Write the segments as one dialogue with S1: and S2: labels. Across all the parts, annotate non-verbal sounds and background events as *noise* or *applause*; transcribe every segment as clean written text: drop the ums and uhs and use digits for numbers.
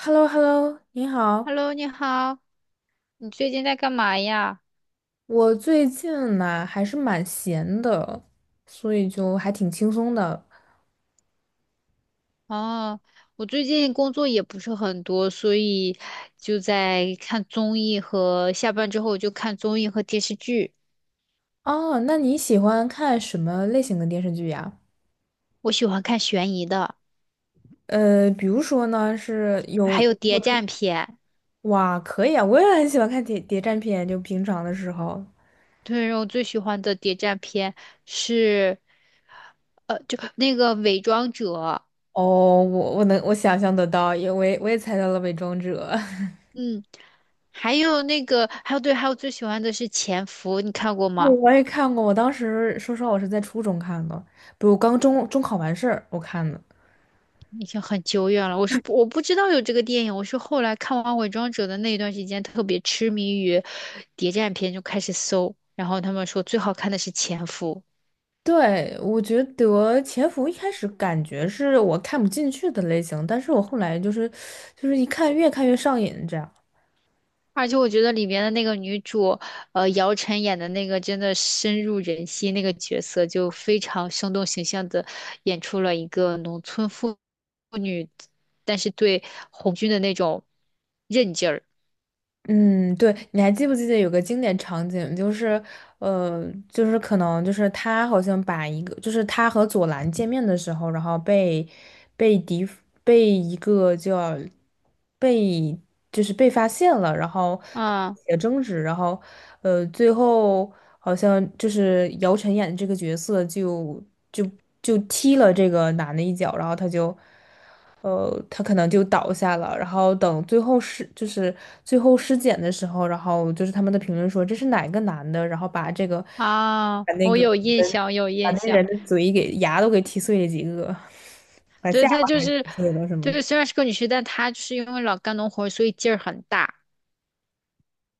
S1: h e l l o h e l l o 你好。
S2: Hello，你好，你最近在干嘛呀？
S1: 我最近嘛还是蛮闲的，所以就还挺轻松的。
S2: 哦，我最近工作也不是很多，所以就在看综艺和下班之后就看综艺和电视剧。
S1: 哦，那你喜欢看什么类型的电视剧呀？
S2: 我喜欢看悬疑的，
S1: 比如说呢，是有
S2: 还有
S1: 有没
S2: 谍
S1: 有特
S2: 战片。
S1: *clears throat* 哇，可以啊，我也很喜欢看谍战片，就平常的时候。
S2: 对，我最喜欢的谍战片是，就那个《伪装者》，
S1: 哦，我想象得到，因为我也猜到了《伪装者》*laughs*
S2: 嗯，还有那个，还有对，还有最喜欢的是《潜伏》，你看过
S1: 啊，
S2: 吗？
S1: 我也看过，我当时说实话，我是在初中看的，不，我刚中考完事儿我看的。
S2: 已经很久远了。我不知道有这个电影，我是后来看完《伪装者》的那一段时间，特别痴迷于谍战片，就开始搜。然后他们说最好看的是《潜伏》，
S1: 对，我觉得潜伏一开始感觉是我看不进去的类型，但是我后来就是一看越看越上瘾这样。
S2: 而且我觉得里面的那个女主，姚晨演的那个真的深入人心，那个角色就非常生动形象的演出了一个农村妇女，但是对红军的那种韧劲儿。
S1: 嗯，对，你还记不记得有个经典场景，就是，就是可能就是他好像把一个，就是他和左蓝见面的时候，然后被敌被一个叫被就是被发现了，然后
S2: 啊
S1: 也争执，然后最后好像就是姚晨演的这个角色就就踢了这个男的一脚，然后他就。他可能就倒下了。然后等最后尸检的时候，然后就是他们的评论说这是哪个男的，然后把这个把那
S2: 我
S1: 个
S2: 有印象，有
S1: 把
S2: 印
S1: 那
S2: 象。
S1: 人的嘴给牙都给踢碎了几个，把
S2: 对，
S1: 下
S2: 她
S1: 巴
S2: 就
S1: 还
S2: 是，
S1: 踢碎了什么的。
S2: 对，虽然是个女婿，但她就是因为老干农活儿所以劲儿很大。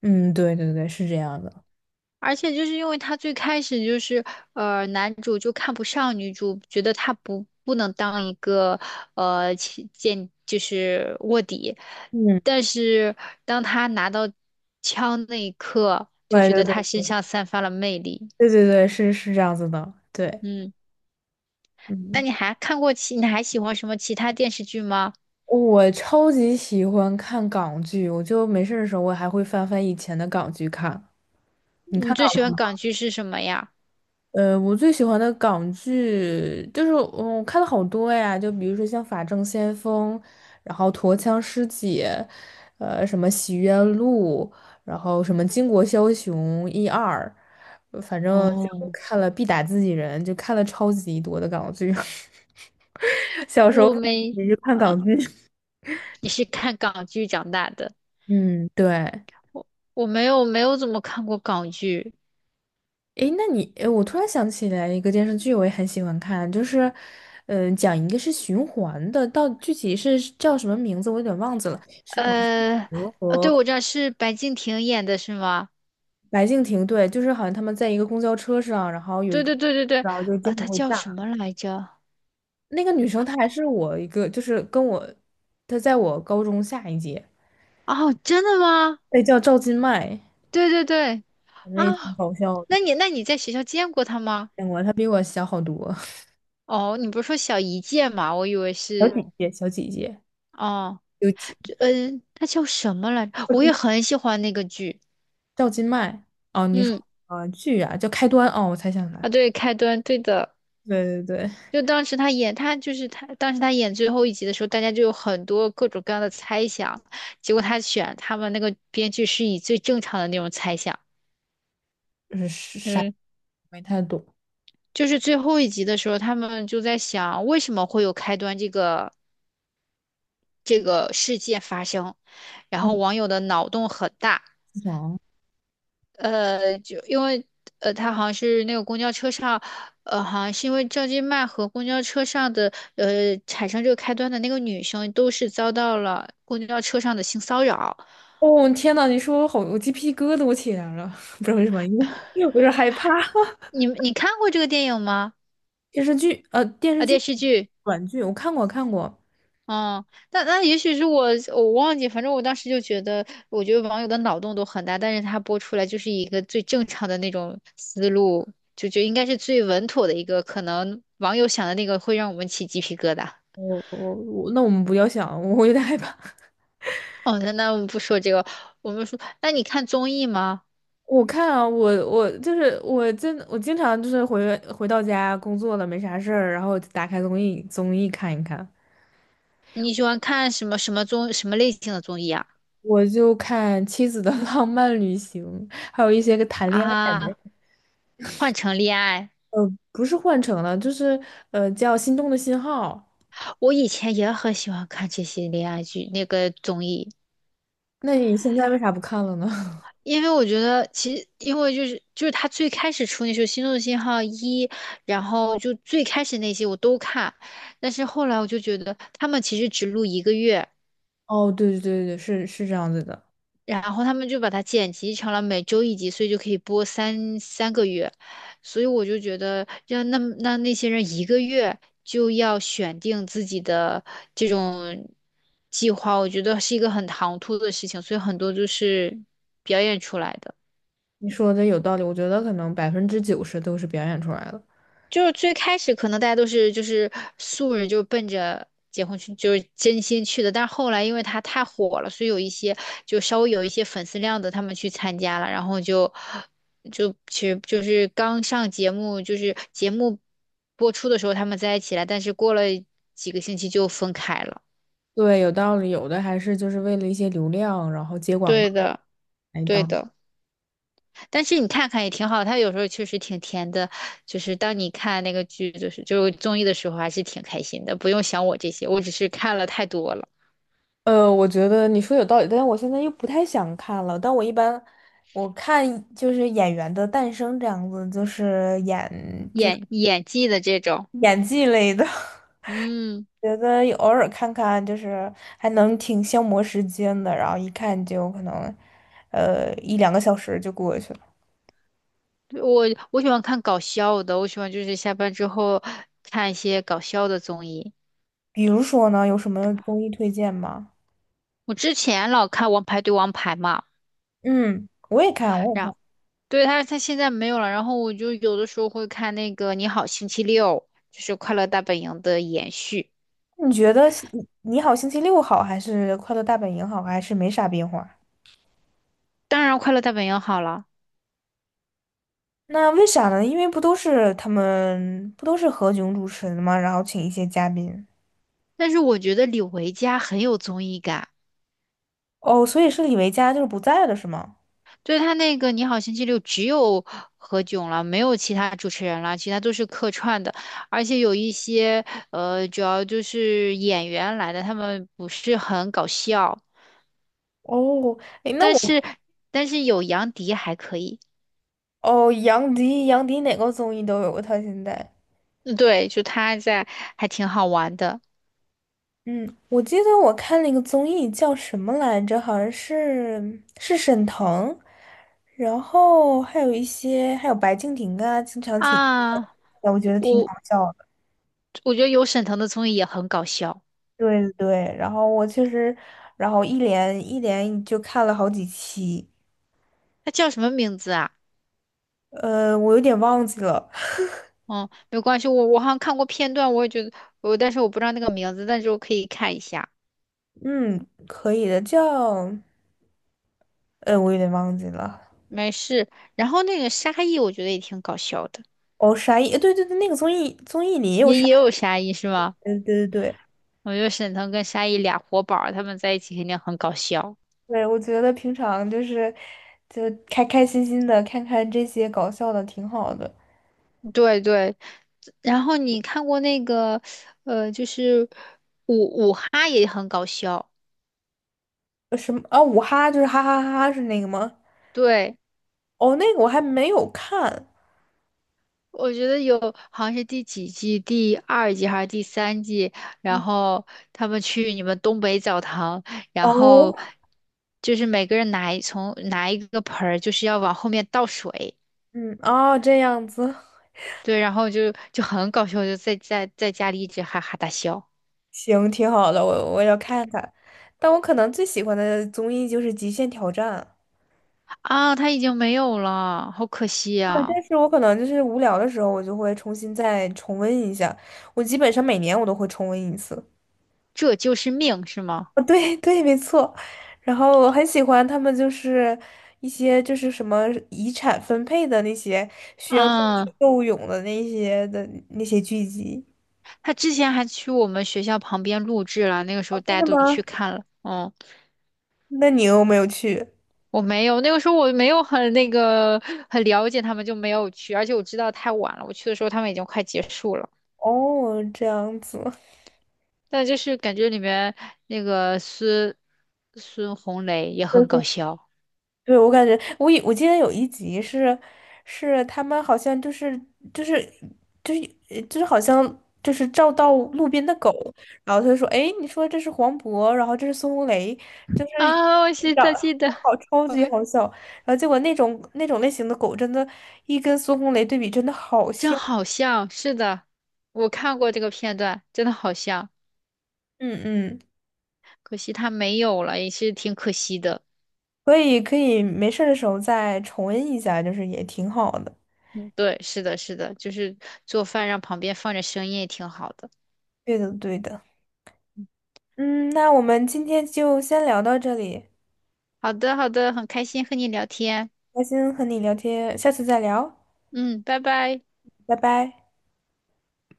S1: 嗯，对对对，是这样的。
S2: 而且就是因为她最开始就是，男主就看不上女主，觉得她不能当一个呃起间就是卧底。
S1: 嗯，
S2: 但是当她拿到枪那一刻，就
S1: 对
S2: 觉得她
S1: 对
S2: 身
S1: 对
S2: 上散发了魅力。
S1: 对对对，是这样子的。对，
S2: 嗯，那
S1: 嗯，
S2: 你还看过其，你还喜欢什么其他电视剧吗？
S1: 我超级喜欢看港剧，我就没事儿的时候我还会翻翻以前的港剧看。你
S2: 你
S1: 看
S2: 最
S1: 港？
S2: 喜欢
S1: 剧？
S2: 港剧是什么呀？
S1: 我最喜欢的港剧就是，我看了好多呀，就比如说像《法证先锋》，然后《陀枪师姐》，什么《洗冤录》，然后什么《巾帼枭雄》一二，反正就
S2: 哦，
S1: 看了必打自己人，就看了超级多的港剧。*laughs* 小时候
S2: 我没。
S1: 也是看港
S2: 啊
S1: 剧，
S2: 你是看港剧长大的？
S1: *laughs* 嗯，对。
S2: 我没有怎么看过港剧。
S1: 诶，那你，诶，我突然想起来一个电视剧，我也很喜欢看，就是，讲一个是循环的，到具体是叫什么名字，我有点忘记了，是百
S2: 呃，
S1: 合
S2: 对，
S1: 和
S2: 我知道是白敬亭演的是吗？
S1: 白敬亭，对，就是好像他们在一个公交车上，然后有一
S2: 对
S1: 个，
S2: 对对对对，
S1: 然后就
S2: 呃，
S1: 经常
S2: 他
S1: 会
S2: 叫什
S1: 炸。
S2: 么来着？
S1: 那个女生她还是我一个，就是跟我，她在我高中下一届，
S2: 哦，真的吗？
S1: 那叫赵今麦，
S2: 对对对，
S1: 反正也挺
S2: 啊，
S1: 搞笑的，
S2: 那你在学校见过他吗？
S1: 见过，她比我小好多，
S2: 哦，你不是说小一届吗？我以为
S1: 小
S2: 是，
S1: 姐姐，小姐姐，几届。
S2: 哦，
S1: 有几
S2: 这嗯，他叫什么来着？我也很喜欢那个剧。
S1: 赵今麦哦，你说
S2: 嗯，
S1: 剧啊叫开端哦，我才想起
S2: 啊，
S1: 来，
S2: 对，开端，对的。
S1: 对对对，
S2: 就当时他演，他就是他，当时他演最后一集的时候，大家就有很多各种各样的猜想，结果他选他们那个编剧是以最正常的那种猜想，
S1: 就是啥也
S2: 嗯，
S1: 没太懂。
S2: 就是最后一集的时候，他们就在想为什么会有开端这个事件发生，然后网友的脑洞很大，
S1: 想
S2: 就因为他好像是那个公交车上，好像是因为赵今麦和公交车上的产生这个开端的那个女生，都是遭到了公交车上的性骚扰。
S1: 哦天呐，你说我好，我鸡皮疙瘩我起来了，*laughs* 不知道为什么，因为我有点害怕。*laughs*
S2: 你你看过这个电影吗？
S1: 电视剧呃电视
S2: 啊，电
S1: 剧
S2: 视剧？
S1: 短剧我看过看过，
S2: 嗯，那那也许是我忘记，反正我当时就觉得，我觉得网友的脑洞都很大，但是他播出来就是一个最正常的那种思路，就应该是最稳妥的一个，可能网友想的那个会让我们起鸡皮疙瘩。
S1: 我我我那我们不要想，我有点害怕。*laughs*
S2: 哦，那那我们不说这个，我们说，那你看综艺吗？
S1: 我看啊，我就是我真我经常就是回到家工作了没啥事儿，然后打开综艺看一看。
S2: 你喜欢看什么什么综什么类型的综艺啊？
S1: 我就看《妻子的 *laughs* 浪漫旅行》，还有一些个谈恋爱的
S2: 啊，换成恋爱，
S1: 不是换成了，就是叫《心动的信号》。
S2: 我以前也很喜欢看这些恋爱剧那个综艺，
S1: 那你现在为啥不看了呢？
S2: 因为我觉得其实因为就是他最开始出那时候《心动信号一》，然后就最开始那些我都看，但是后来我就觉得他们其实只录一个月。
S1: *laughs* 哦，对对对对，是这样子的，
S2: 然后他们就把它剪辑成了每周一集，所以就可以播三个月。所以我就觉得，让那些人一个月就要选定自己的这种计划，我觉得是一个很唐突的事情，所以很多就是表演出来的。
S1: 你说的有道理。我觉得可能90%都是表演出来的。
S2: 就是最开始可能大家都是就是素人，就是奔着结婚去，就是真心去的。但是后来因为他太火了，所以有一些就稍微有一些粉丝量的，他们去参加了，然后就其实就是刚上节目，就是节目播出的时候他们在一起了，但是过了几个星期就分开了。
S1: 对，有道理，有的还是就是为了一些流量，然后接广告
S2: 对的，
S1: 来
S2: 对
S1: 当。
S2: 的。但是你看看也挺好，它有时候确实挺甜的，就是当你看那个剧，就是综艺的时候，还是挺开心的。不用想我这些，我只是看了太多了，
S1: 我觉得你说有道理，但是我现在又不太想看了。但我一般我看就是演员的诞生这样子，就是演
S2: 演技的这种，
S1: 演技类的，
S2: 嗯，
S1: *laughs* 觉得有偶尔看看就是还能挺消磨时间的，然后一看就可能，一两个小时就过去了。
S2: 我我喜欢看搞笑的，我喜欢就是下班之后看一些搞笑的综艺。
S1: 比如说呢，有什么综艺推荐吗？
S2: 我之前老看《王牌对王牌》嘛，
S1: 嗯，我也看，我也看。
S2: 然对他现在没有了，然后我就有的时候会看那个《你好星期六》，就是《快乐大本营》的延续。
S1: 你觉得星《你好星期六》好，还是《快乐大本营》好，还是没啥变化？
S2: 当然，《快乐大本营》好了。
S1: 那为啥呢？因为不都是他们不都是何炅主持的吗？然后请一些嘉宾。
S2: 但是我觉得李维嘉很有综艺感，
S1: 哦，所以是李维嘉就是不在了，是吗？
S2: 对他那个《你好星期六》只有何炅了，没有其他主持人了，其他都是客串的，而且有一些主要就是演员来的，他们不是很搞笑，
S1: 哦，诶，那
S2: 但
S1: 我。
S2: 是但是有杨迪还可以，
S1: 哦，杨迪，杨迪哪个综艺都有过他现在。
S2: 嗯对，就他在还挺好玩的
S1: 嗯，我记得我看了一个综艺叫什么来着，好像是是沈腾，然后还有一些还有白敬亭啊，经常请，
S2: 啊，
S1: 哎我觉得挺
S2: 我
S1: 好笑的。
S2: 我觉得有沈腾的综艺也很搞笑，
S1: 对对对，然后我确实，然后一连就看了好几期，
S2: 他叫什么名字啊？
S1: 我有点忘记了，
S2: 哦，没关系，我好像看过片段，我也觉得我，但是我不知道那个名字，但是我可以看一下，
S1: 嗯，可以的，叫，我有点忘记了。
S2: 没事。然后那个沙溢，我觉得也挺搞笑的，
S1: 哦，沙溢，对对对，那个综艺里也有
S2: 也
S1: 沙
S2: 也有
S1: 溢，
S2: 沙溢是吗？
S1: 对对对。
S2: 我觉得沈腾跟沙溢俩活宝儿他们在一起肯定很搞笑。
S1: 对，我觉得平常就是就开开心心的看看这些搞笑的，挺好的。
S2: 对对，然后你看过那个，就是五五哈也很搞笑，
S1: 什么啊？五哈就是哈哈哈哈是那个吗？
S2: 对。
S1: 哦，那个我还没有看。
S2: 我觉得有，好像是第几季，第二季还是第三季，然
S1: 嗯
S2: 后他们去你们东北澡堂，然
S1: 哦，
S2: 后就是每个人拿一个盆儿，就是要往后面倒水，
S1: 嗯，哦，这样子，
S2: 对，然后就很搞笑，就在在家里一直哈哈大笑
S1: 行，挺好的，我我要看看。但我可能最喜欢的综艺就是《极限挑战》。
S2: 啊，他已经没有了，好可惜
S1: 啊，
S2: 呀、
S1: 但是我可能就是无聊的时候，我就会重新再重温一下。我基本上每年我都会重温一次。
S2: 这就是命，是吗？
S1: 哦，对对，没错。然后我很喜欢他们，就是一些就是什么遗产分配的那些需要斗
S2: 嗯，
S1: 智斗勇的那些的那些剧集。
S2: 他之前还去我们学校旁边录制了，那个时候
S1: 哦，
S2: 大
S1: 真
S2: 家
S1: 的
S2: 都
S1: 吗？
S2: 去看了，嗯
S1: 那你有没有去？
S2: 我没有，那个时候我没有很那个很了解他们，就没有去，而且我知道太晚了，我去的时候他们已经快结束了。
S1: 哦，这样子。
S2: 但就是感觉里面那个孙红雷也很搞
S1: *laughs*
S2: 笑
S1: 对，我感觉我记得有一集是他们好像就是就是就是好像就是照到路边的狗，然后他就说："哎，你说这是黄渤，然后这是孙红雷，就是
S2: 啊，我记
S1: 长
S2: 在记得，
S1: 好超级
S2: 哎，
S1: 好笑。"然后结果那种类型的狗真的，一跟孙红雷对比真的好
S2: 真
S1: 像。
S2: 好像是的，我看过这个片段，真的好像，
S1: 嗯嗯，
S2: 可惜他没有了，也是挺可惜的。
S1: 可以可以，没事儿的时候再重温一下，就是也挺好的。
S2: 嗯，对，是的，是的，就是做饭让旁边放着声音也挺好的。
S1: 对的对的。嗯，那我们今天就先聊到这里。
S2: 好的，好的，很开心和你聊天。
S1: 开心和你聊天，下次再聊，
S2: 嗯，拜拜。
S1: 拜拜。